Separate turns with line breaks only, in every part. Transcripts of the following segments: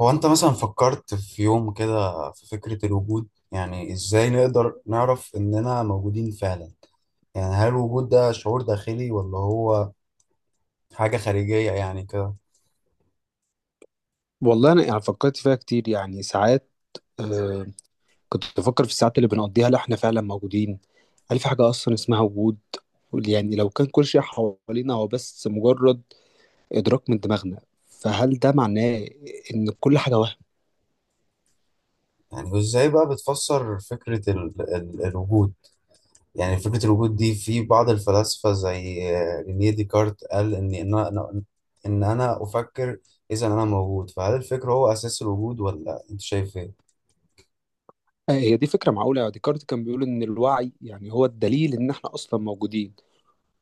هو انت مثلا فكرت في يوم كده في فكرة الوجود؟ يعني ازاي نقدر نعرف اننا موجودين فعلا؟ يعني هل الوجود ده شعور داخلي ولا هو حاجة خارجية يعني كده؟
والله انا يعني فكرت فيها كتير، يعني ساعات. آه كنت بفكر في الساعات اللي بنقضيها، لا احنا فعلا موجودين؟ هل في حاجه اصلا اسمها وجود؟ يعني لو كان كل شيء حوالينا هو بس مجرد ادراك من دماغنا، فهل ده معناه ان كل حاجه وهم؟
يعني وازاي بقى بتفسر فكرة ال الوجود؟ يعني فكرة الوجود دي في بعض الفلاسفة زي رينيه ديكارت، قال ان انا افكر، اذا انا موجود. فهل الفكر هو اساس الوجود، ولا انت شايف ايه؟
آه، هي دي فكره معقوله، يعني ديكارت كان بيقول ان الوعي يعني هو الدليل ان احنا اصلا موجودين،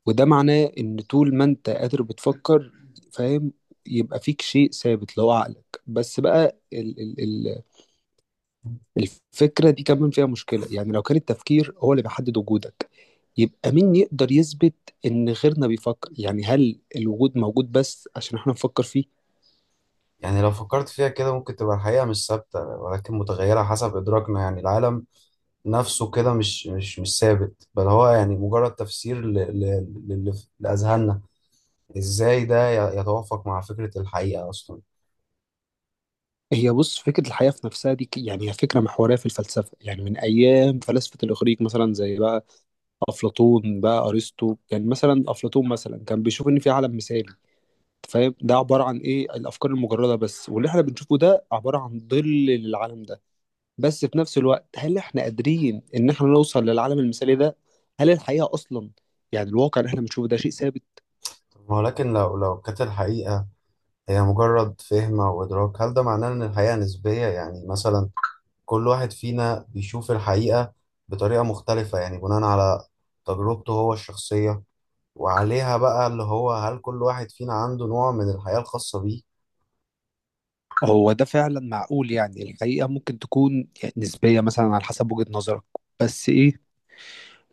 وده معناه ان طول ما انت قادر بتفكر، فاهم، يبقى فيك شيء ثابت اللي هو عقلك. بس بقى الفكرة دي كمان فيها مشكلة، يعني لو كان التفكير هو اللي بيحدد وجودك، يبقى مين يقدر يثبت إن غيرنا بيفكر؟ يعني هل الوجود موجود بس عشان احنا نفكر فيه؟
يعني لو فكرت فيها كده، ممكن تبقى الحقيقة مش ثابتة ولكن متغيرة حسب إدراكنا. يعني العالم نفسه كده مش ثابت، بل هو يعني مجرد تفسير لأذهاننا. إزاي ده يتوافق مع فكرة الحقيقة أصلا؟
هي بص، فكرة الحياة في نفسها دي يعني هي فكرة محورية في الفلسفة، يعني من أيام فلاسفة الإغريق، مثلا زي بقى أفلاطون بقى أرسطو. يعني مثلا أفلاطون مثلا كان بيشوف إن في عالم مثالي، فاهم، ده عبارة عن إيه؟ الأفكار المجردة بس، واللي احنا بنشوفه ده عبارة عن ظل للعالم ده. بس في نفس الوقت هل احنا قادرين ان احنا نوصل للعالم المثالي ده؟ هل الحقيقة اصلا، يعني الواقع اللي احنا بنشوفه ده شيء ثابت؟
ولكن لو كانت الحقيقة هي مجرد فهم أو إدراك، هل ده معناه إن الحقيقة نسبية؟ يعني مثلا كل واحد فينا بيشوف الحقيقة بطريقة مختلفة، يعني بناء على تجربته هو الشخصية. وعليها بقى اللي هو، هل كل واحد فينا عنده نوع من الحياة الخاصة بيه؟
هو ده فعلا معقول، يعني الحقيقة ممكن تكون يعني نسبية، مثلا على حسب وجهة نظرك. بس ايه،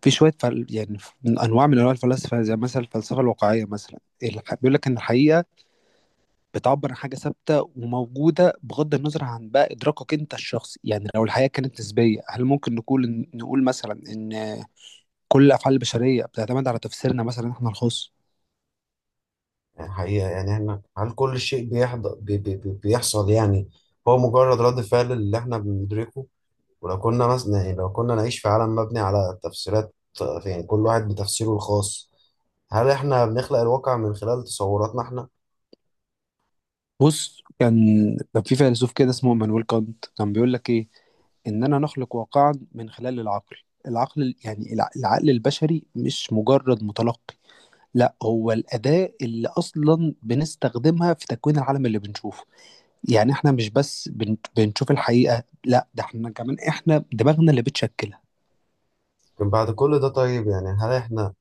في شوية يعني من أنواع الفلاسفة زي مثلا الفلسفة الواقعية، مثلا بيقول لك إن الحقيقة بتعبر عن حاجة ثابتة وموجودة بغض النظر عن بقى إدراكك أنت الشخصي. يعني لو الحقيقة كانت نسبية، هل ممكن نقول مثلا إن كل الافعال البشريه بتعتمد على تفسيرنا مثلا احنا الخاص؟
يعني حقيقة، يعني احنا، هل كل شيء بيحض... بي... بي... بي- بيحصل يعني هو مجرد رد فعل اللي احنا بندركه؟ ولو كنا مثلا، يعني لو كنا نعيش في عالم مبني على تفسيرات، يعني كل واحد بتفسيره الخاص، هل احنا بنخلق الواقع من خلال تصوراتنا احنا؟
بص، كان في فيلسوف كده اسمه مانويل كانت، كان بيقول لك ايه؟ اننا نخلق واقعا من خلال العقل. العقل يعني العقل البشري مش مجرد متلقي، لا هو الاداه اللي اصلا بنستخدمها في تكوين العالم اللي بنشوفه. يعني احنا مش بس بنشوف الحقيقه، لا ده احنا كمان، احنا دماغنا اللي بتشكلها.
لكن بعد كل ده طيب، يعني هل احنا،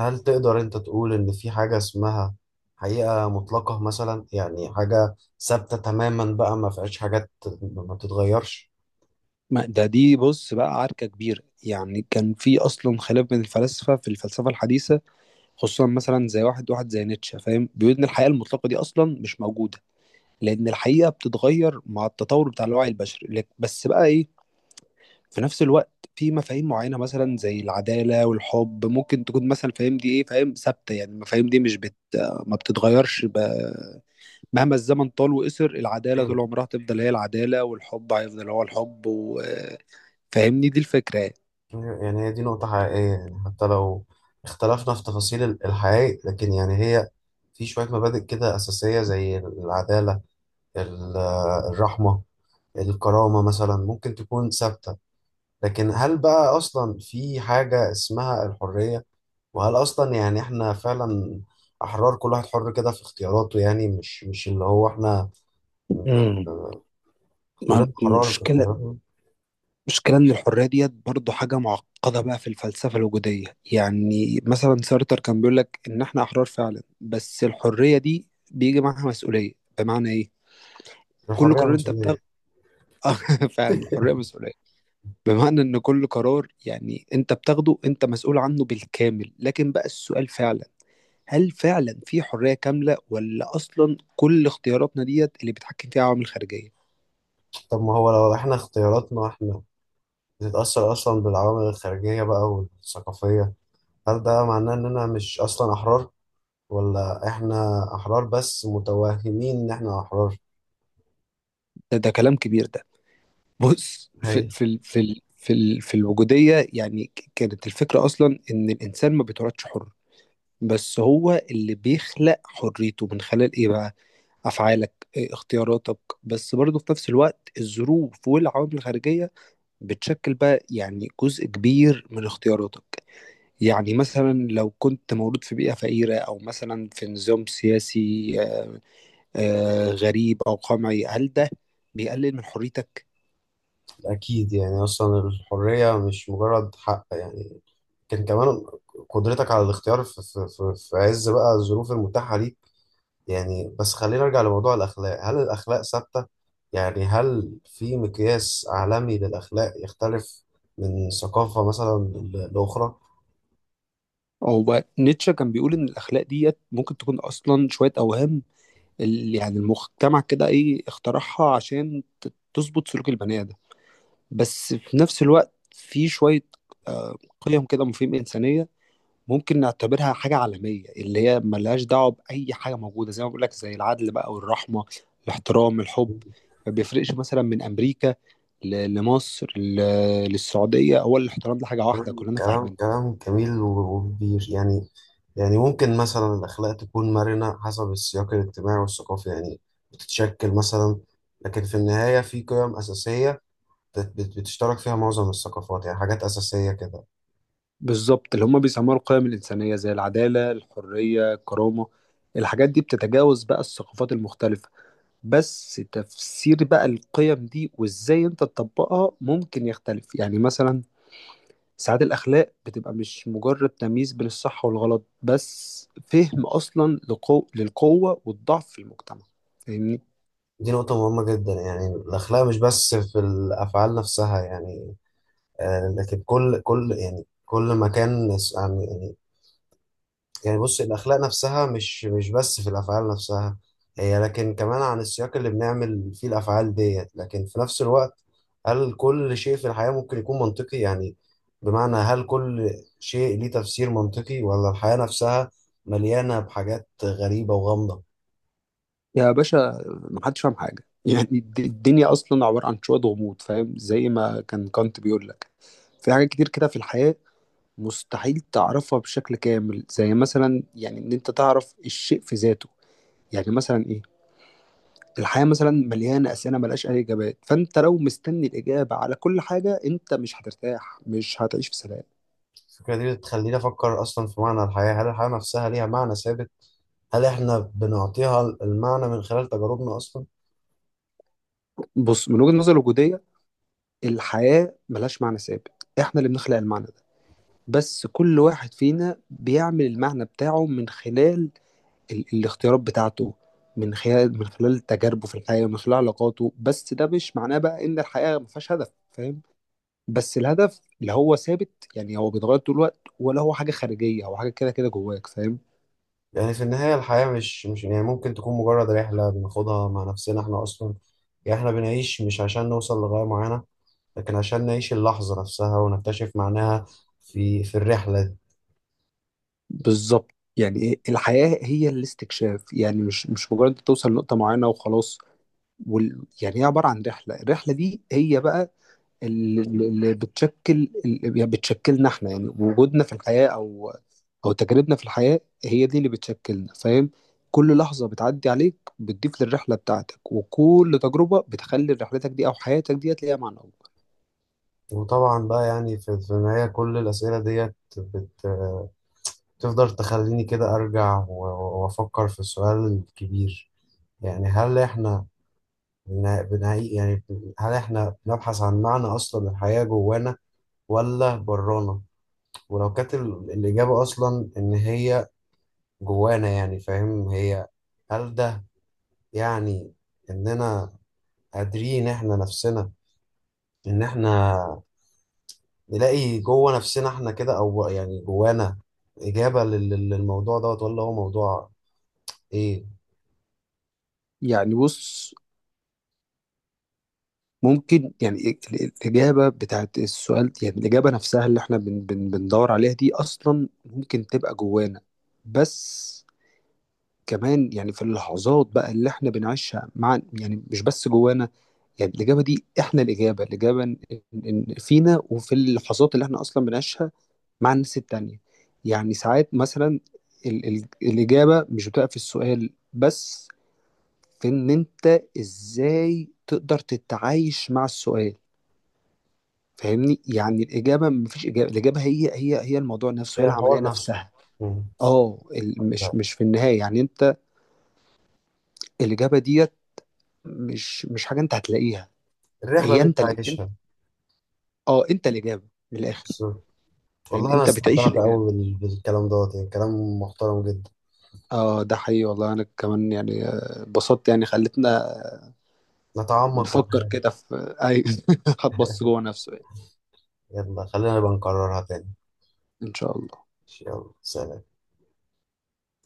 هل تقدر انت تقول ان في حاجة اسمها حقيقة مطلقة مثلا؟ يعني حاجة ثابتة تماما بقى ما فيهاش حاجات ما بتتغيرش؟
ده دي بص بقى عركة كبيرة، يعني كان في أصلا خلاف بين الفلاسفة في الفلسفة الحديثة، خصوصا مثلا زي واحد زي نيتشه، فاهم، بيقول ان الحقيقه المطلقه دي اصلا مش موجوده، لان الحقيقه بتتغير مع التطور بتاع الوعي البشري. بس بقى ايه، في نفس الوقت في مفاهيم معينه مثلا زي العداله والحب ممكن تكون، مثلا، فاهم، دي ايه، فاهم، ثابته. يعني المفاهيم دي مش بت ما بتتغيرش، مهما الزمن طال وقصر، العداله طول
ايوه.
عمرها تفضل هي العداله، والحب هيفضل هو الحب فاهمني دي الفكره يعني.
أيوة، يعني هي دي نقطة حقيقية. يعني حتى لو اختلفنا في تفاصيل الحقائق، لكن يعني هي في شوية مبادئ كده أساسية زي العدالة، ال- الرحمة، الكرامة، مثلا ممكن تكون ثابتة. لكن هل بقى أصلا في حاجة اسمها الحرية؟ وهل اصلا يعني احنا فعلا احرار؟ كل واحد حر كده في اختياراته، يعني مش اللي هو احنا.
امم
آه، كلنا احرار في
مشكلة
اختياراتنا.
المشكلة إن الحرية ديت برضه حاجة معقدة بقى في الفلسفة الوجودية، يعني مثلا سارتر كان بيقول لك إن إحنا أحرار فعلا، بس الحرية دي بيجي معاها مسؤولية، بمعنى إيه؟ كل
الحريه
قرار
مش.
أنت بتاخده فعلا الحرية مسؤولية، بمعنى إن كل قرار يعني أنت بتاخده أنت مسؤول عنه بالكامل. لكن بقى السؤال فعلا، هل فعلا في حرية كاملة ولا أصلا كل اختياراتنا ديت اللي بيتحكم فيها عوامل خارجية؟
طب ما هو لو احنا اختياراتنا احنا بتتاثر اصلا بالعوامل الخارجيه بقى والثقافيه، هل ده معناه اننا مش اصلا احرار، ولا احنا احرار بس متوهمين ان احنا احرار؟
ده، كلام كبير ده. بص،
هي
في الوجودية، يعني كانت الفكرة أصلا إن الإنسان ما بيتولدش حر، بس هو اللي بيخلق حريته من خلال إيه بقى؟ أفعالك، إيه، اختياراتك. بس برضه في نفس الوقت الظروف والعوامل الخارجية بتشكل بقى يعني جزء كبير من اختياراتك. يعني مثلا لو كنت مولود في بيئة فقيرة أو مثلا في نظام سياسي، غريب أو قمعي، هل ده بيقلل من حريتك؟
اكيد. يعني اصلا الحريه مش مجرد حق، يعني كان كمان قدرتك على الاختيار في عز بقى الظروف المتاحة ليك. يعني بس خلينا نرجع لموضوع الأخلاق. هل الأخلاق ثابتة؟ يعني هل في مقياس عالمي للأخلاق يختلف من ثقافة مثلا لأخرى؟
هو نيتشه كان بيقول ان الاخلاق ديت ممكن تكون اصلا شويه اوهام، يعني المجتمع كده ايه، اخترعها عشان تظبط سلوك البني ادم. بس في نفس الوقت في شويه، قيم كده، مفاهيم انسانيه ممكن نعتبرها حاجه عالميه، اللي هي ملهاش دعوه باي حاجه موجوده، زي ما بقول لك، زي العدل بقى والرحمه، الاحترام، الحب. ما بيفرقش مثلا من امريكا لمصر للسعوديه، هو الاحترام ده حاجه واحده كلنا
كلام
فاهمين.
كلام جميل وبير يعني. يعني ممكن مثلا الأخلاق تكون مرنة حسب السياق الاجتماعي والثقافي، يعني بتتشكل مثلا. لكن في النهاية في قيم أساسية بتشترك فيها معظم الثقافات، يعني حاجات أساسية كده.
بالظبط، اللي هم بيسموها القيم الإنسانية زي العدالة، الحرية، الكرامة، الحاجات دي بتتجاوز بقى الثقافات المختلفة. بس تفسير بقى القيم دي وإزاي أنت تطبقها ممكن يختلف، يعني مثلا ساعات الأخلاق بتبقى مش مجرد تمييز بين الصح والغلط، بس فهم أصلا للقوة والضعف في المجتمع، فاهمني.
دي نقطة مهمة جدا. يعني الأخلاق مش بس في الأفعال نفسها، يعني لكن كل يعني كل مكان يعني، يعني بص الأخلاق نفسها مش بس في الأفعال نفسها هي، لكن كمان عن السياق اللي بنعمل فيه الأفعال ديت. لكن في نفس الوقت، هل كل شيء في الحياة ممكن يكون منطقي؟ يعني بمعنى، هل كل شيء ليه تفسير منطقي، ولا الحياة نفسها مليانة بحاجات غريبة وغامضة؟
يا باشا، محدش فاهم حاجة يعني الدنيا أصلا عبارة عن شوية غموض، فاهم، زي ما كان كانت بيقول لك، في حاجات كتير كده في الحياة مستحيل تعرفها بشكل كامل، زي مثلا يعني ان انت تعرف الشيء في ذاته. يعني مثلا ايه؟ الحياة مثلا مليانة أسئلة ملهاش أي إجابات، فأنت لو مستني الإجابة على كل حاجة أنت مش هترتاح، مش هتعيش في سلام.
الفكرة دي بتخليني أفكر أصلا في معنى الحياة. هل الحياة نفسها ليها معنى ثابت؟ هل إحنا بنعطيها المعنى من خلال تجاربنا أصلا؟
بص، من وجهة نظر الوجودية الحياة ملهاش معنى ثابت، إحنا اللي بنخلق المعنى ده. بس كل واحد فينا بيعمل المعنى بتاعه من خلال الاختيارات بتاعته، من خلال تجاربه في الحياة، من خلال علاقاته. بس ده مش معناه بقى إن الحياة مفيهاش هدف، فاهم. بس الهدف اللي هو ثابت يعني هو بيتغير طول الوقت، ولا هو حاجه خارجيه، هو حاجه كده كده جواك، فاهم.
يعني في النهاية الحياة مش يعني ممكن تكون مجرد رحلة بناخدها مع نفسنا إحنا أصلا. يعني إحنا بنعيش مش عشان نوصل لغاية معينة، لكن عشان نعيش اللحظة نفسها ونكتشف معناها في الرحلة دي.
بالظبط. يعني إيه؟ الحياه هي الاستكشاف، يعني مش مجرد انت توصل لنقطه معينه وخلاص. يعني هي عباره عن رحله، الرحله دي هي بقى اللي بتشكل، اللي يعني بتشكلنا احنا، يعني وجودنا في الحياه او تجاربنا في الحياه، هي دي اللي بتشكلنا، فاهم. كل لحظه بتعدي عليك بتضيف للرحله بتاعتك، وكل تجربه بتخلي رحلتك دي او حياتك ديت ليها معنى.
وطبعا بقى يعني في النهاية كل الأسئلة ديت بتفضل تخليني كده أرجع وأفكر في السؤال الكبير. يعني هل إحنا هل احنا بنبحث عن معنى اصلا؟ الحياة جوانا ولا برانا؟ ولو كانت الاجابة اصلا ان هي جوانا يعني فاهم هي، هل ده يعني اننا قادرين احنا نفسنا ان احنا نلاقي جوه نفسنا احنا كده، او يعني جوانا اجابة للموضوع دوت، ولا هو موضوع ايه؟
يعني بص، ممكن يعني الإجابة بتاعت السؤال، يعني الإجابة نفسها اللي احنا بن بن بندور عليها دي أصلا ممكن تبقى جوانا. بس كمان، يعني في اللحظات بقى اللي احنا بنعيشها مع، يعني مش بس جوانا، يعني الإجابة دي احنا، إن فينا وفي اللحظات اللي احنا أصلا بنعيشها مع الناس التانية. يعني ساعات مثلا ال ال الإجابة مش بتبقى في السؤال بس، في ان انت ازاي تقدر تتعايش مع السؤال، فاهمني. يعني الاجابه مفيش اجابه، الاجابه هي الموضوع نفسه، هي
هي
العمليه
الحوار نفسه.
نفسها.
مم.
اه، مش في النهايه، يعني انت الاجابه ديت مش حاجه انت هتلاقيها.
الرحلة
هي
اللي انت
انت انت،
عايشها.
اه انت الاجابه، من الاخر،
والله
يعني
انا
انت بتعيش
استمتعت
الاجابه.
قوي بالكلام دوت، يعني كلام محترم جدا.
اه ده حقيقي، والله انا كمان، يعني اتبسطت، يعني خلتنا
نتعمق في
نفكر
الحاجات.
كده في اي هتبص جوه نفسه يعني.
يلا خلينا نبقى نكررها تاني.
ان شاء الله.
يلا سلام.